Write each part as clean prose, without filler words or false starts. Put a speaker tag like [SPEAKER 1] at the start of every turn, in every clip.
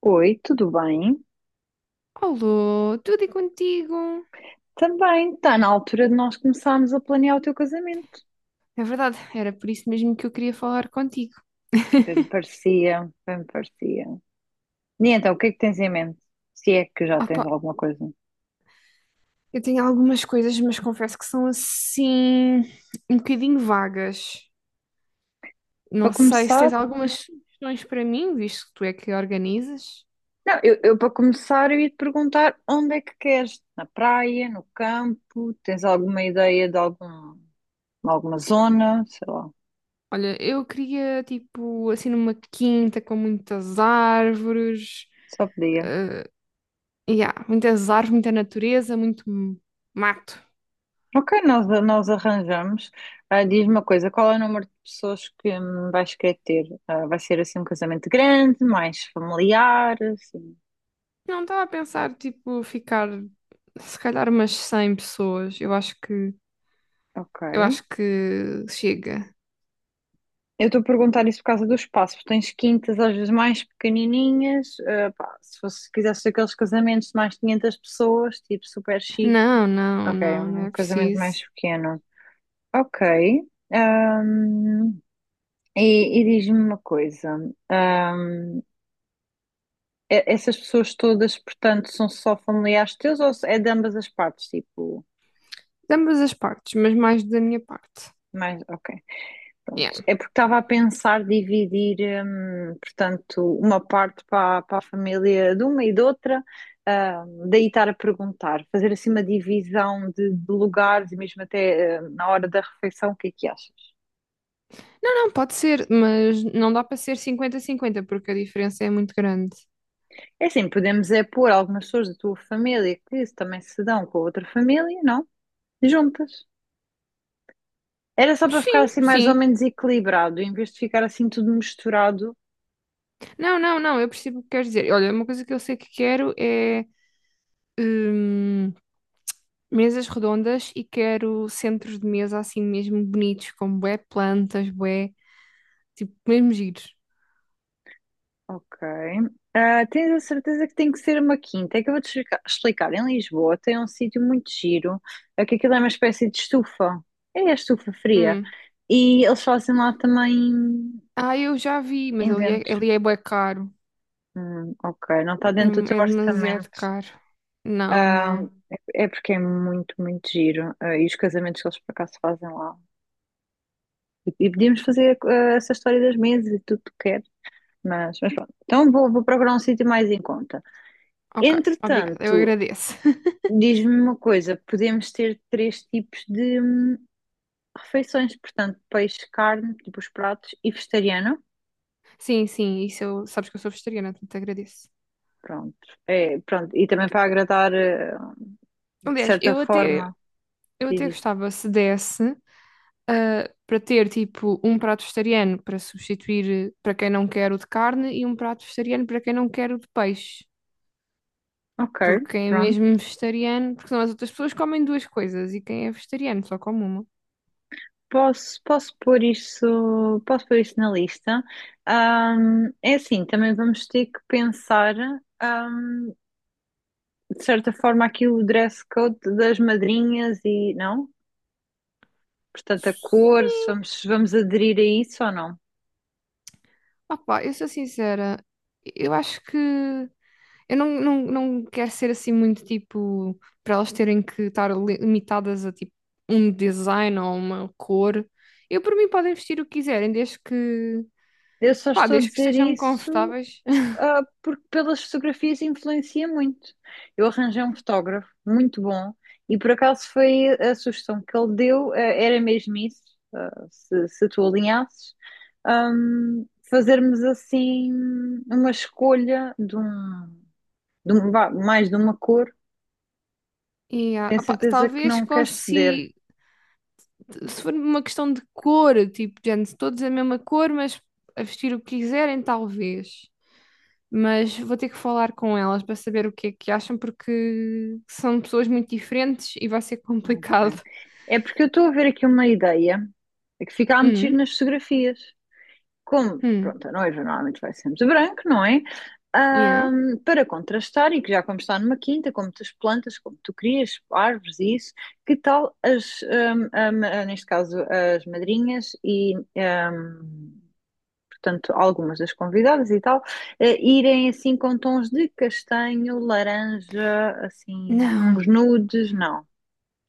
[SPEAKER 1] Oi, tudo bem?
[SPEAKER 2] Alô, tudo e contigo?
[SPEAKER 1] Também está na altura de nós começarmos a planear o teu casamento.
[SPEAKER 2] É verdade, era por isso mesmo que eu queria falar contigo.
[SPEAKER 1] Bem me parecia, bem me parecia. E então, o que é que tens em mente? Se é que já tens
[SPEAKER 2] Opa,
[SPEAKER 1] alguma coisa.
[SPEAKER 2] eu tenho algumas coisas, mas confesso que são assim um bocadinho vagas.
[SPEAKER 1] Para
[SPEAKER 2] Não sei se
[SPEAKER 1] começar,
[SPEAKER 2] tens algumas sugestões para mim, visto que tu é que organizas.
[SPEAKER 1] não, eu para começar eu ia te perguntar onde é que queres? Na praia, no campo? Tens alguma ideia de algum, alguma zona? Sei lá,
[SPEAKER 2] Olha, eu queria tipo assim numa quinta com muitas árvores.
[SPEAKER 1] só podia.
[SPEAKER 2] Yeah, muitas árvores, muita natureza, muito mato.
[SPEAKER 1] Ok, nós arranjamos. Ah, diz-me uma coisa, qual é o número de pessoas que vais querer ter? Ah, vai ser assim um casamento grande, mais familiar, assim.
[SPEAKER 2] Não estava a pensar tipo ficar se calhar umas 100 pessoas. Eu acho que
[SPEAKER 1] Ok.
[SPEAKER 2] Eu acho que chega.
[SPEAKER 1] Eu estou a perguntar isso por causa do espaço, porque tens quintas às vezes mais pequenininhas. Ah, pá, se fosse, se quisesse aqueles casamentos de mais 500 pessoas, tipo super chique.
[SPEAKER 2] Não, não,
[SPEAKER 1] Ok,
[SPEAKER 2] não, não
[SPEAKER 1] um
[SPEAKER 2] é
[SPEAKER 1] casamento mais
[SPEAKER 2] preciso.
[SPEAKER 1] pequeno. Ok. Ahm, e diz-me uma coisa. Essas pessoas todas, portanto, são só familiares teus ou é de ambas as partes? Tipo,
[SPEAKER 2] De ambas as partes, mas mais da minha parte.
[SPEAKER 1] mais, ok, pronto.
[SPEAKER 2] Yeah.
[SPEAKER 1] É porque estava a pensar dividir, portanto, uma parte para, para a família de uma e de outra, ah, daí estar a perguntar, fazer assim uma divisão de lugares e mesmo até, ah, na hora da refeição, o que é que achas?
[SPEAKER 2] Não, não, pode ser, mas não dá para ser 50-50 porque a diferença é muito grande.
[SPEAKER 1] É assim, podemos é pôr algumas pessoas da tua família que também se dão com a outra família, não? Juntas. Era só para ficar
[SPEAKER 2] Sim,
[SPEAKER 1] assim mais ou
[SPEAKER 2] sim.
[SPEAKER 1] menos equilibrado, em vez de ficar assim tudo misturado.
[SPEAKER 2] Não, não, não, eu percebo o que queres dizer. Olha, uma coisa que eu sei que quero é hum, mesas redondas e quero centros de mesa assim mesmo bonitos, com bué plantas, bué, tipo, mesmo giros.
[SPEAKER 1] Ok. Ah, tens a certeza que tem que ser uma quinta? É que eu vou-te explicar. Em Lisboa tem um sítio muito giro, é que aquilo é uma espécie de estufa. É a estufa fria.
[SPEAKER 2] Hum.
[SPEAKER 1] E eles fazem lá também
[SPEAKER 2] Ah, eu já vi, mas ali
[SPEAKER 1] inventos.
[SPEAKER 2] é, ali é bué caro.
[SPEAKER 1] Ok, não está
[SPEAKER 2] É,
[SPEAKER 1] dentro do teu
[SPEAKER 2] é demasiado
[SPEAKER 1] orçamento.
[SPEAKER 2] caro. Não, não.
[SPEAKER 1] É porque é muito, muito giro. Ah, e os casamentos que eles por acaso fazem lá. E podíamos fazer ah, essa história das mesas e tudo que é. Mas pronto. Então vou, vou procurar um sítio mais em conta.
[SPEAKER 2] Ok, obrigada, eu
[SPEAKER 1] Entretanto,
[SPEAKER 2] agradeço.
[SPEAKER 1] diz-me uma coisa: podemos ter três tipos de refeições, portanto, peixe, carne, tipo os pratos, e vegetariano.
[SPEAKER 2] Sim, sim, isso eu, sabes que eu sou vegetariana, portanto agradeço.
[SPEAKER 1] Pronto. É, pronto. E também para agradar, de
[SPEAKER 2] Aliás,
[SPEAKER 1] certa
[SPEAKER 2] eu até,
[SPEAKER 1] forma,
[SPEAKER 2] eu
[SPEAKER 1] diz
[SPEAKER 2] até
[SPEAKER 1] isso.
[SPEAKER 2] gostava se desse. Para ter tipo um prato vegetariano para substituir para quem não quer o de carne e um prato vegetariano para quem não quer o de peixe.
[SPEAKER 1] Ok,
[SPEAKER 2] Porque quem é
[SPEAKER 1] pronto.
[SPEAKER 2] mesmo vegetariano, porque senão as outras pessoas comem duas coisas e quem é vegetariano só come uma.
[SPEAKER 1] Posso, posso pôr isso na lista. É assim, também vamos ter que pensar, ahm, de certa forma, aqui o dress code das madrinhas e não? Portanto, a cor, se
[SPEAKER 2] Sim,
[SPEAKER 1] vamos, se vamos aderir a isso ou não.
[SPEAKER 2] opá, eu sou sincera, eu acho que eu não quero ser assim muito tipo para elas terem que estar limitadas a tipo um design ou uma cor. Eu por mim podem vestir o que quiserem, desde que
[SPEAKER 1] Eu só
[SPEAKER 2] Pá,
[SPEAKER 1] estou a
[SPEAKER 2] desde que
[SPEAKER 1] dizer
[SPEAKER 2] estejam
[SPEAKER 1] isso,
[SPEAKER 2] confortáveis.
[SPEAKER 1] ah, porque pelas fotografias influencia muito. Eu arranjei um fotógrafo muito bom e por acaso foi a sugestão que ele deu, ah, era mesmo isso, ah, se tu alinhasses, fazermos assim uma escolha de um, vá, mais de uma cor.
[SPEAKER 2] E,
[SPEAKER 1] Tenho
[SPEAKER 2] opá,
[SPEAKER 1] certeza que
[SPEAKER 2] talvez
[SPEAKER 1] não queres ceder.
[SPEAKER 2] consiga, se for uma questão de cor, tipo, gente, todos é a mesma cor, mas a vestir o que quiserem, talvez. Mas vou ter que falar com elas para saber o que é que acham, porque são pessoas muito diferentes e vai ser
[SPEAKER 1] Ok.
[SPEAKER 2] complicado.
[SPEAKER 1] É porque eu estou a ver aqui uma ideia é que fica a meter
[SPEAKER 2] Hum,
[SPEAKER 1] nas fotografias. Como,
[SPEAKER 2] hum,
[SPEAKER 1] pronto, a noiva normalmente vai sempre de branco, não é?
[SPEAKER 2] yeah.
[SPEAKER 1] Para contrastar, e que já como está numa quinta, com muitas plantas, como tu querias, árvores e isso, que tal as, ah, neste caso, as madrinhas e, portanto, algumas das convidadas e tal, irem assim com tons de castanho, laranja, assim,
[SPEAKER 2] Não,
[SPEAKER 1] uns nudes, não.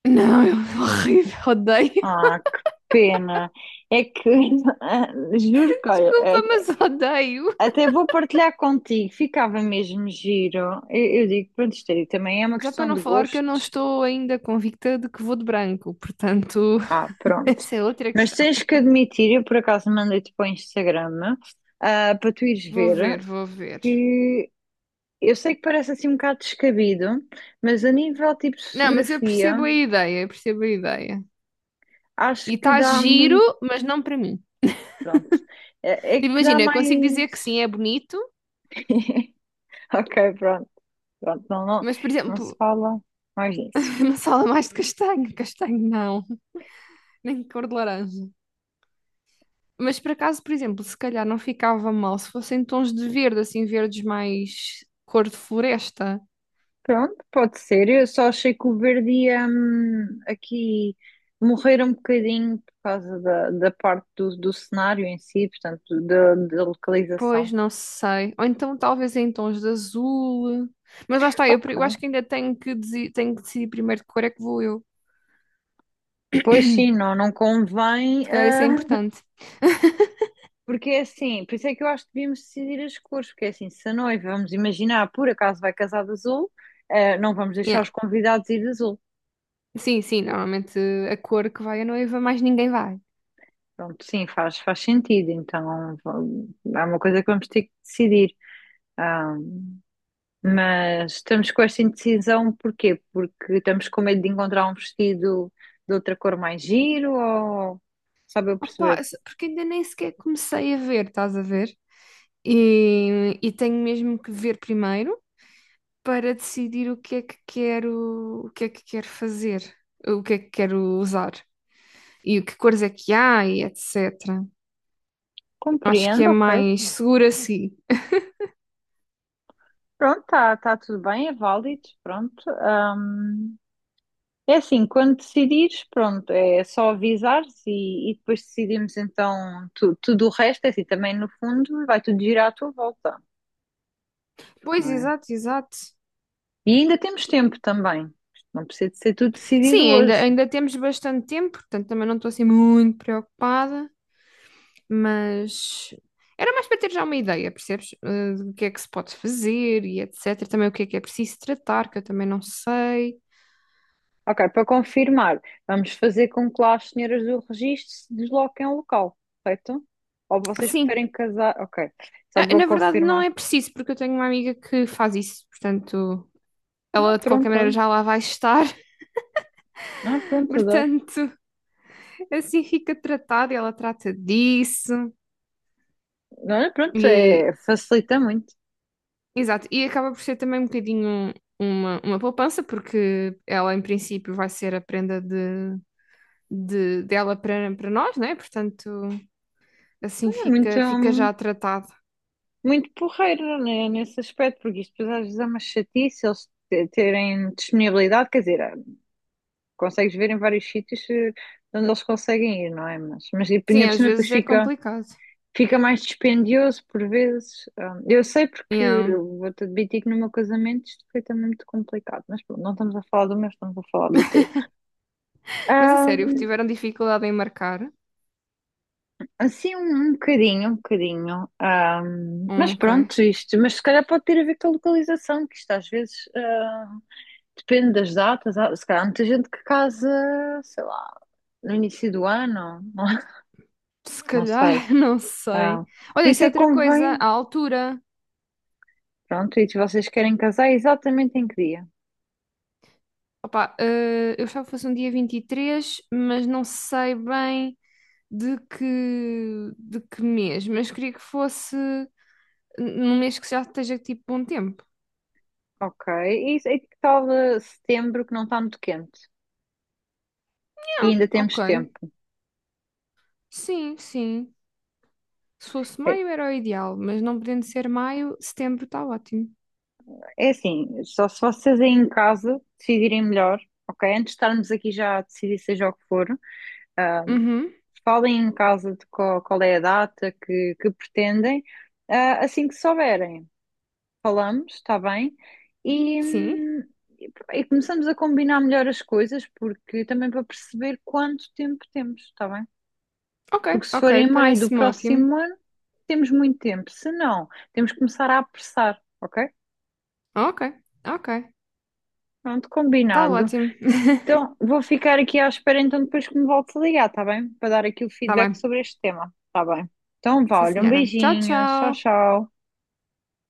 [SPEAKER 2] não, é horrível, odeio.
[SPEAKER 1] Ah, que pena. É que, juro que, olha,
[SPEAKER 2] Desculpa,
[SPEAKER 1] até
[SPEAKER 2] mas odeio.
[SPEAKER 1] até vou partilhar contigo, ficava mesmo giro. Eu digo, pronto, isto aí também é uma
[SPEAKER 2] Já para
[SPEAKER 1] questão
[SPEAKER 2] não
[SPEAKER 1] de
[SPEAKER 2] falar que eu não
[SPEAKER 1] gostos.
[SPEAKER 2] estou ainda convicta de que vou de branco, portanto,
[SPEAKER 1] Ah, pronto.
[SPEAKER 2] essa é outra
[SPEAKER 1] Mas
[SPEAKER 2] questão.
[SPEAKER 1] tens que admitir, eu por acaso mandei-te para o Instagram, ah, para tu ires
[SPEAKER 2] Vou
[SPEAKER 1] ver,
[SPEAKER 2] ver, vou ver.
[SPEAKER 1] que eu sei que parece assim um bocado descabido, mas a nível tipo de
[SPEAKER 2] Não, mas eu
[SPEAKER 1] fotografia,
[SPEAKER 2] percebo a ideia, eu percebo a ideia.
[SPEAKER 1] acho
[SPEAKER 2] E
[SPEAKER 1] que
[SPEAKER 2] está
[SPEAKER 1] dá
[SPEAKER 2] giro,
[SPEAKER 1] muito,
[SPEAKER 2] mas não para mim.
[SPEAKER 1] pronto, é
[SPEAKER 2] Tipo,
[SPEAKER 1] que dá
[SPEAKER 2] imagina, eu consigo dizer que
[SPEAKER 1] mais...
[SPEAKER 2] sim, é bonito,
[SPEAKER 1] Ok, pronto. Pronto, não, não,
[SPEAKER 2] mas, por
[SPEAKER 1] não
[SPEAKER 2] exemplo,
[SPEAKER 1] se fala mais disso.
[SPEAKER 2] uma sala mais de castanho, castanho não, nem de cor de laranja. Mas por acaso, por exemplo, se calhar não ficava mal se fossem tons de verde, assim, verdes mais cor de floresta.
[SPEAKER 1] Pronto, pode ser. Eu só achei que o verde ia aqui morrer um bocadinho por causa da, da parte do, do cenário em si, portanto, da, da localização.
[SPEAKER 2] Pois, não sei. Ou então talvez em tons de azul. Mas lá está, eu acho
[SPEAKER 1] Ok.
[SPEAKER 2] que ainda tenho que decidir primeiro que cor é que vou eu.
[SPEAKER 1] Pois sim, não, não convém,
[SPEAKER 2] Se calhar isso é
[SPEAKER 1] ah,
[SPEAKER 2] importante.
[SPEAKER 1] porque é assim, por isso é que eu acho que devíamos decidir as cores, porque é assim, se a noiva, vamos imaginar, por acaso vai casar de azul, ah, não vamos deixar
[SPEAKER 2] Yeah.
[SPEAKER 1] os convidados ir de azul.
[SPEAKER 2] Sim, sim, normalmente a cor que vai a noiva, mais ninguém vai.
[SPEAKER 1] Pronto, sim, faz, faz sentido. Então, é uma coisa que vamos ter que decidir. Ah, mas estamos com esta indecisão, porquê? Porque estamos com medo de encontrar um vestido de outra cor mais giro ou sabe eu
[SPEAKER 2] Opa,
[SPEAKER 1] perceber?
[SPEAKER 2] porque ainda nem sequer comecei a ver, estás a ver? E tenho mesmo que ver primeiro para decidir o que é que quero, o que é que quero fazer, o que é que quero usar e o que cores é que há e etc. Acho que é
[SPEAKER 1] Compreendo, ok.
[SPEAKER 2] mais seguro assim.
[SPEAKER 1] Pronto, está tá tudo bem, é válido, pronto. Ah, é assim, quando decidires, pronto, é só avisares e depois decidimos então tudo o resto, é assim, também no fundo vai tudo girar à tua volta,
[SPEAKER 2] Pois,
[SPEAKER 1] não é?
[SPEAKER 2] exato, exato.
[SPEAKER 1] E ainda temos tempo também. Isto não precisa de ser tudo decidido
[SPEAKER 2] Sim, ainda,
[SPEAKER 1] hoje.
[SPEAKER 2] ainda temos bastante tempo, portanto também não estou assim muito preocupada. Mas era mais para ter já uma ideia, percebes? Do que é que se pode fazer e etc. Também o que é preciso tratar, que eu também não sei.
[SPEAKER 1] Ok, para confirmar, vamos fazer com que lá as senhoras do registro se desloquem ao local, correto? Ou vocês
[SPEAKER 2] Sim,
[SPEAKER 1] preferem casar? Ok, só para
[SPEAKER 2] na verdade não
[SPEAKER 1] confirmar.
[SPEAKER 2] é preciso, porque eu tenho uma amiga que faz isso, portanto.
[SPEAKER 1] Ah,
[SPEAKER 2] Ela de qualquer
[SPEAKER 1] pronto,
[SPEAKER 2] maneira
[SPEAKER 1] olha.
[SPEAKER 2] já lá vai estar,
[SPEAKER 1] Ah, pronto, adoro.
[SPEAKER 2] portanto, assim fica tratado e ela trata disso.
[SPEAKER 1] Olha, pronto,
[SPEAKER 2] E,
[SPEAKER 1] é, facilita muito.
[SPEAKER 2] exato, e acaba por ser também um bocadinho uma poupança, porque ela em princípio vai ser a prenda dela para nós, né? Portanto, assim
[SPEAKER 1] É muito,
[SPEAKER 2] fica já tratado.
[SPEAKER 1] muito porreiro, né, nesse aspecto, porque isto depois às vezes é uma chatice eles terem disponibilidade, quer dizer, consegues ver em vários sítios onde eles conseguem ir, não é? Mas e ainda
[SPEAKER 2] Sim,
[SPEAKER 1] por
[SPEAKER 2] às
[SPEAKER 1] cima depois
[SPEAKER 2] vezes é
[SPEAKER 1] fica,
[SPEAKER 2] complicado.
[SPEAKER 1] fica mais dispendioso por vezes. Ah, eu sei porque
[SPEAKER 2] Yeah.
[SPEAKER 1] eu vou-te admitir que no meu casamento isto foi também muito complicado, mas pronto, não estamos a falar do meu, estamos a falar do teu.
[SPEAKER 2] Mas a
[SPEAKER 1] Ah,
[SPEAKER 2] sério, tiveram dificuldade em marcar?
[SPEAKER 1] assim, um bocadinho, um bocadinho. Ah, mas
[SPEAKER 2] Ok.
[SPEAKER 1] pronto, isto, mas se calhar pode ter a ver com a localização, que isto às vezes ah, depende das datas. Se calhar há muita gente que casa, sei lá, no início do ano,
[SPEAKER 2] Se
[SPEAKER 1] não
[SPEAKER 2] calhar,
[SPEAKER 1] sei.
[SPEAKER 2] não sei.
[SPEAKER 1] Ah, por
[SPEAKER 2] Olha, isso
[SPEAKER 1] isso
[SPEAKER 2] é
[SPEAKER 1] é que
[SPEAKER 2] outra coisa,
[SPEAKER 1] convém.
[SPEAKER 2] a altura.
[SPEAKER 1] Pronto, e se vocês querem casar, é exatamente em que dia?
[SPEAKER 2] Opa, eu achava que fosse um dia 23 mas não sei bem de que, de que mês. Mas queria que fosse num mês que já esteja tipo bom tempo.
[SPEAKER 1] Ok. E que tal setembro que não está muito quente? E
[SPEAKER 2] Ah,
[SPEAKER 1] ainda temos
[SPEAKER 2] ok,
[SPEAKER 1] tempo.
[SPEAKER 2] sim, sim. Se fosse
[SPEAKER 1] É,
[SPEAKER 2] maio era o ideal, mas não podendo ser maio, setembro está ótimo.
[SPEAKER 1] é assim, só se vocês aí em casa decidirem melhor, ok? Antes de estarmos aqui já a decidir seja o que for, ah,
[SPEAKER 2] Uhum,
[SPEAKER 1] falem em casa de qual, qual é a data que pretendem, ah, assim que souberem. Falamos, está bem? E,
[SPEAKER 2] sim.
[SPEAKER 1] hum, e começamos a combinar melhor as coisas, porque também para perceber quanto tempo temos, está bem?
[SPEAKER 2] Ok,
[SPEAKER 1] Porque se
[SPEAKER 2] ok,
[SPEAKER 1] for em maio do
[SPEAKER 2] parece-me ótimo.
[SPEAKER 1] próximo ano, temos muito tempo. Se não, temos que começar a apressar, ok?
[SPEAKER 2] Ok, ok,
[SPEAKER 1] Pronto,
[SPEAKER 2] está
[SPEAKER 1] combinado.
[SPEAKER 2] ótimo.
[SPEAKER 1] Então, vou ficar aqui à espera então depois que me voltes a ligar, está bem? Para dar aqui o
[SPEAKER 2] Está
[SPEAKER 1] feedback
[SPEAKER 2] bem.
[SPEAKER 1] sobre este tema, está bem? Então, vá,
[SPEAKER 2] Sim,
[SPEAKER 1] olha, um
[SPEAKER 2] senhora. Tchau,
[SPEAKER 1] beijinho, tchau,
[SPEAKER 2] tchau.
[SPEAKER 1] tchau.